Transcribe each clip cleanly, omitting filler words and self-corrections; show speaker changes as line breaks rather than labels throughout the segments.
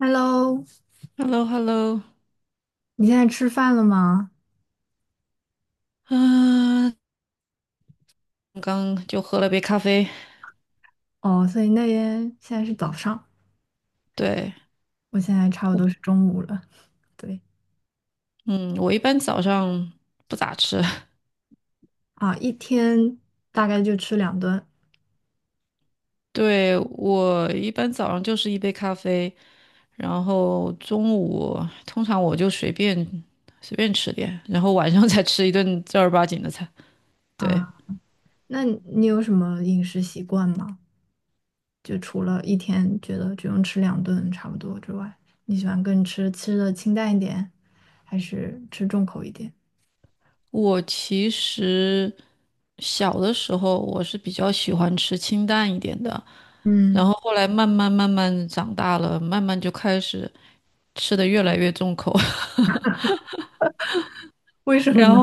Hello，
h e l l o h e l l o
你现在吃饭了吗？
啊，刚就喝了杯咖啡。
哦，所以那边现在是早上，
对，
我现在差不多是中午了。对
嗯，我一般早上不咋吃，
啊，一天大概就吃两顿
对，我一般早上就是一杯咖啡，然后中午通常我就随便吃点，然后晚上 再吃一顿正儿八经的菜。对，
啊。那你有什么饮食习惯吗？就除了一天觉得只用吃两顿差不多之外，你喜欢更吃吃的清淡一点，还是吃重口一点？
我其实小的时候我是比较喜欢吃清淡一点的，然
嗯，
后后来慢慢长大了，慢慢就开始吃的越来越重口。
为什么
然
呢？
后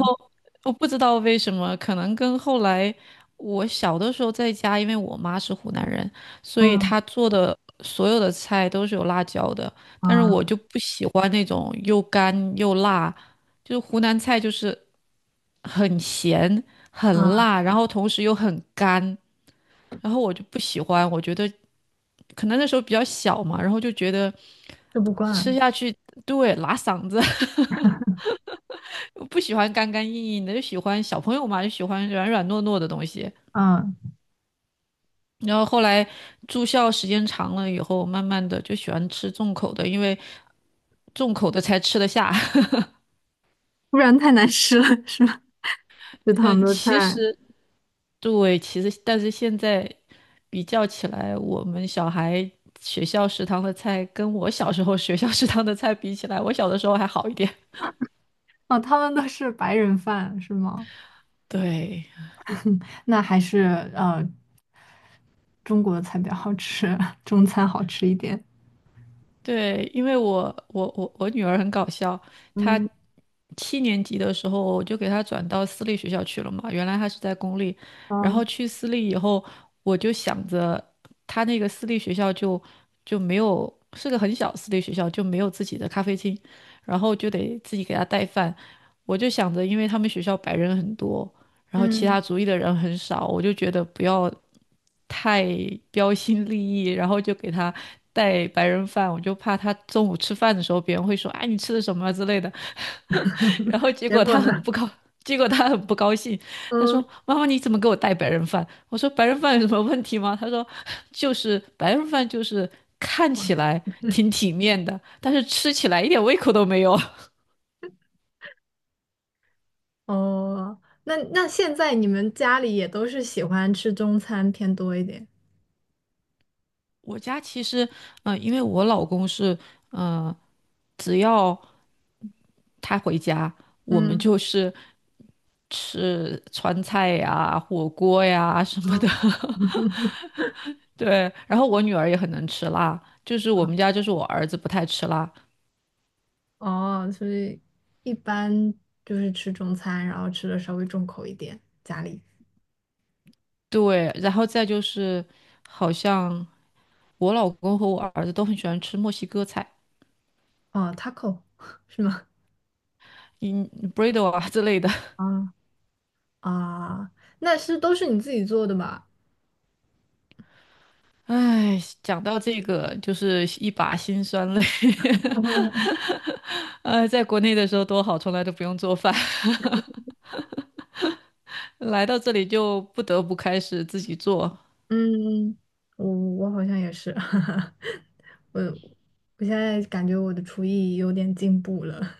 我不知道为什么，可能跟后来我小的时候在家，因为我妈是湖南人，所以
嗯
她做的所有的菜都是有辣椒的，但是
啊，
我就不喜欢那种又干又辣，就是湖南菜就是很咸、很
啊，
辣，然后同时又很干，然后我就不喜欢，我觉得可能那时候比较小嘛，然后就觉得
吃不
吃
惯，
下去，对，拉嗓子。我不喜欢干干硬硬的，就喜欢小朋友嘛，就喜欢软软糯糯的东西。
嗯，
然后后来住校时间长了以后，慢慢的就喜欢吃重口的，因为重口的才吃得下。
不然太难吃了，是吧？食 堂的菜。
其实对，其实但是现在比较起来，我们小孩学校食堂的菜跟我小时候学校食堂的菜比起来，我小的时候还好一点。
哦，他们都是白人饭是吗？
对。
那还是呃中国的菜比较好吃，中餐好吃一点。
对，因为我女儿很搞笑，她
嗯，
7年级的时候我就给她转到私立学校去了嘛，原来她是在公立，然
哦，
后去私立以后，我就想着她那个私立学校就没有，是个很小私立学校，就没有自己的咖啡厅，然后就得自己给她带饭，我就想着，因为他们学校白人很多。然后其他
嗯，
族裔的人很少，我就觉得不要太标新立异，然后就给他带白人饭，我就怕他中午吃饭的时候别人会说，哎，你吃的什么啊之类的，然后结
结
果
果
他很
呢？
不高，结果他很不高兴，他
嗯，
说妈妈你怎么给我带白人饭？我说白人饭有什么问题吗？他说就是白人饭就是看起来挺体面的，但是吃起来一点胃口都没有。
哦，那那现在你们家里也都是喜欢吃中餐偏多一点。
我家其实，嗯、因为我老公是，嗯、只要他回家，我们
嗯，
就是吃川菜呀、火锅呀什么的。
嗯，
对，然后我女儿也很能吃辣，就是我们家就是我儿子不太吃辣。
哦，所以一般就是吃中餐，然后吃的稍微重口一点。家里
对，然后再就是好像我老公和我儿子都很喜欢吃墨西哥菜，
哦，taco 是吗？
嗯 b r r i d o 啊之类的。
啊，啊，那是都是你自己做的吧？
唉，讲到这个就是一把辛酸泪。在国内的时候多好，从来都不用做饭。来到这里就不得不开始自己做，
嗯，我好像也是，我我现在感觉我的厨艺有点进步了。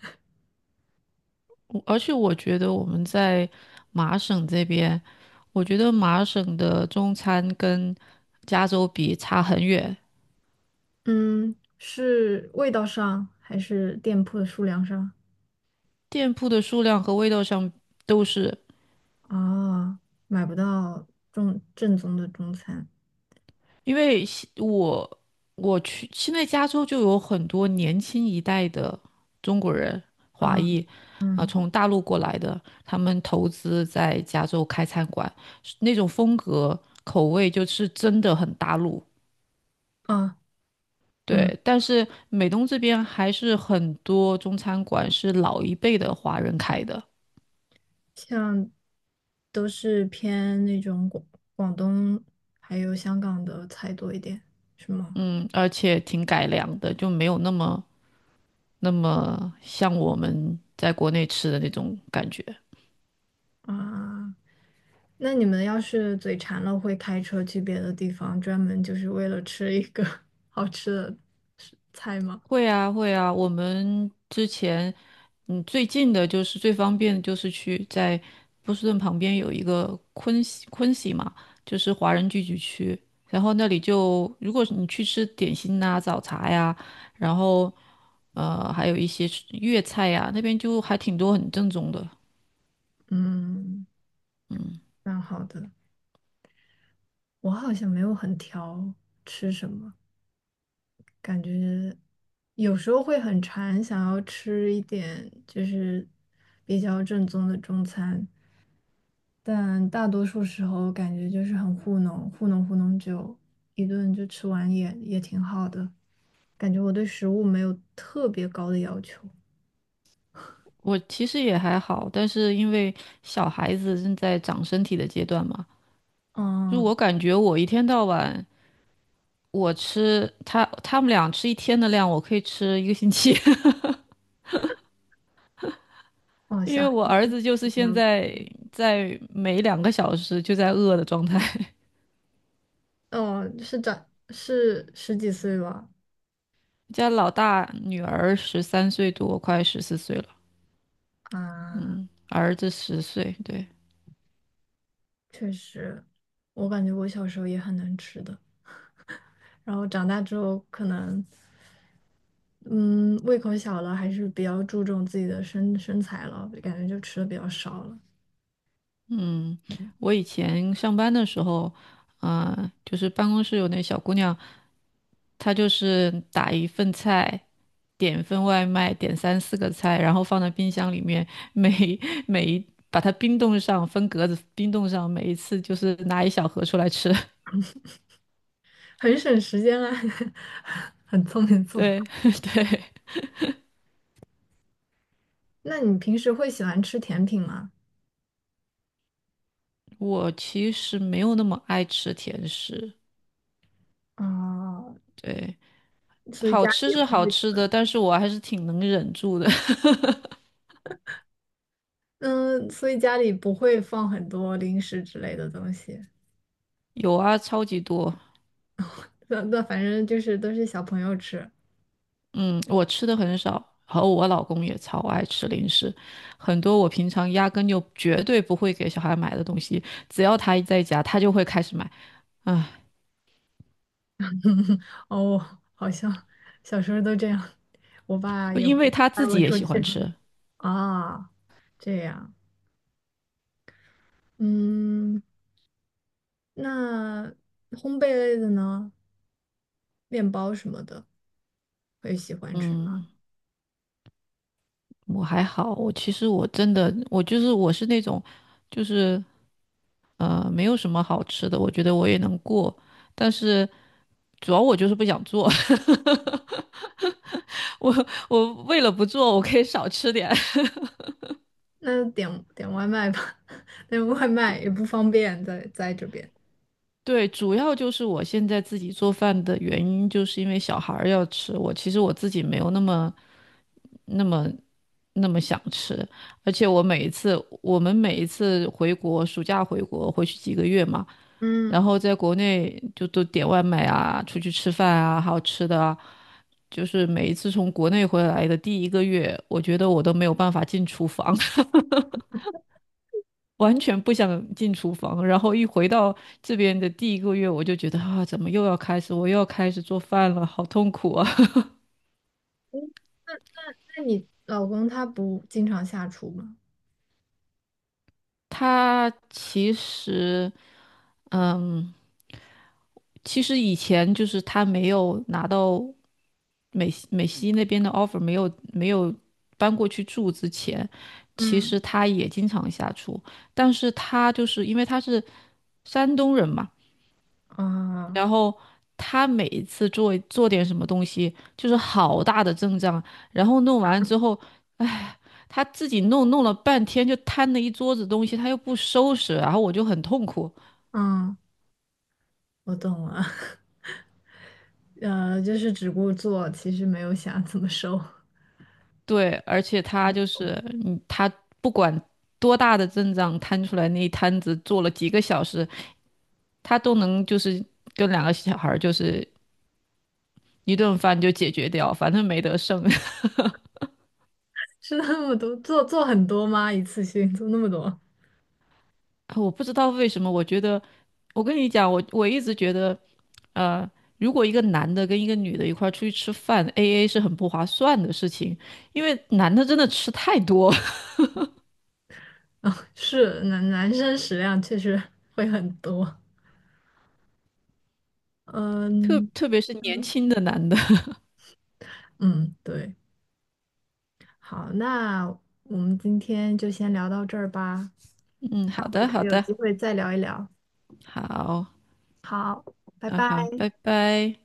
而且我觉得我们在麻省这边，我觉得麻省的中餐跟加州比差很远，
嗯，是味道上还是店铺的数量上？
店铺的数量和味道上都是，
啊，买不到正正宗的中餐
因为西我我去现在加州就有很多年轻一代的中国人华
啊，
裔啊、
嗯
从大陆过来的，他们投资在加州开餐馆，那种风格口味就是真的很大陆。
啊嗯，
对，但是美东这边还是很多中餐馆是老一辈的华人开的，
像都是偏那种广广东还有香港的菜多一点，是吗？
嗯，而且挺改良的，就没有那么像我们在国内吃的那种感觉。
啊，那你们要是嘴馋了，会开车去别的地方，专门就是为了吃一个 好吃的食菜吗？
会啊，会啊，我们之前，嗯，最近的就是最方便的就是去在波士顿旁边有一个昆西嘛，就是华人聚集区，然后那里就如果是你去吃点心呐、早茶呀。然后还有一些是粤菜呀、那边就还挺多很正宗的。
嗯，
嗯，
蛮好的。我好像没有很挑吃什么，感觉有时候会很馋，想要吃一点就是比较正宗的中餐，但大多数时候感觉就是很糊弄，糊弄糊弄就一顿就吃完也也挺好的。感觉我对食物没有特别高的要求。
我其实也还好，但是因为小孩子正在长身体的阶段嘛，就
嗯，
我感觉我一天到晚我吃他们俩吃一天的量，我可以吃1个星期，
哦，
因
小
为
孩
我
子
儿子就是
比
现
较，
在在每2个小时就在饿的状态。
哦，是长是十几岁吧？
家老大女儿13岁多，快14岁了，
啊，
嗯，儿子10岁，对。
确实，我感觉我小时候也很能吃的，然后长大之后可能，嗯，胃口小了，还是比较注重自己的身身材了，感觉就吃的比较少了。
嗯，我以前上班的时候，啊、就是办公室有那小姑娘，她就是打一份菜，点一份外卖，点三四个菜，然后放在冰箱里面，每每一把它冰冻上，分格子冰冻上，每一次就是拿一小盒出来吃。
很省时间啊，很聪明的做
对
法。
对，
那你平时会喜欢吃甜品吗？
我其实没有那么爱吃甜食，
啊，
对，
所以
好
家里
吃
也
是
不
好
会，
吃的，但是我还是挺能忍住的。
嗯，所以家里不会放很多零食之类的东西。
有啊，超级多。
那那反正就是都是小朋友吃。
嗯，我吃的很少，然后我老公也超爱吃零食，很多我平常压根就绝对不会给小孩买的东西，只要他一在家，他就会开始买。啊，
哦，好像小时候都这样，我爸也会
因为他
带
自
我
己也
出
喜欢
去。
吃。
啊，这样，嗯，那烘焙类的呢，面包什么的，我也喜欢吃。
嗯，我还好，我其实我真的，我就是我是那种，就是没有什么好吃的，我觉得我也能过，但是主要我就是不想做。我我为了不做，我可以少吃点。
那点点外卖吧，那外卖 也不方便在在这边。
对，主要就是我现在自己做饭的原因，就是因为小孩儿要吃。我其实我自己没有那么、那么、那么想吃，而且我每一次，我们每一次回国，暑假回国回去几个月嘛，
嗯
然后在国内就都点外卖啊，出去吃饭啊，还有吃的啊，就是每一次从国内回来的第一个月，我觉得我都没有办法进厨房。完全不想进厨房，然后一回到这边的第一个月，我就觉得啊，怎么又要开始，我又要开始做饭了，好痛苦啊！
嗯那那你老公他不经常下厨吗？
他其实其实以前就是他没有拿到美西那边的 offer，没有搬过去住之前，其
嗯
实他也经常下厨，但是他就是因为他是山东人嘛。
啊，
然后他每一次做点什么东西，就是好大的阵仗，然后弄完之后，哎，他自己弄了半天，就摊了一桌子东西，他又不收拾，然后我就很痛苦。
嗯，我懂了。就是只顾做，其实没有想怎么收，
对，而且他就是，嗯，他不管多大的阵仗摊出来那一摊子，做了几个小时，他都能就是跟2个小孩儿就是一顿饭就解决掉，反正没得剩。
吃那么多，做做很多吗？一次性做那么多？
啊我不知道为什么，我觉得，我跟你讲，我一直觉得，呃，如果一个男的跟一个女的一块儿出去吃饭，AA 是很不划算的事情，因为男的真的吃太多，
啊，是男男生食量确实会很多。
特
嗯
特别是年
嗯
轻的男的。
嗯，对，好，那我们今天就先聊到这儿吧，
嗯，
下
好
回
的，
可
好
以有
的，
机会再聊一聊。
好，
好，拜
那
拜。
好，拜拜。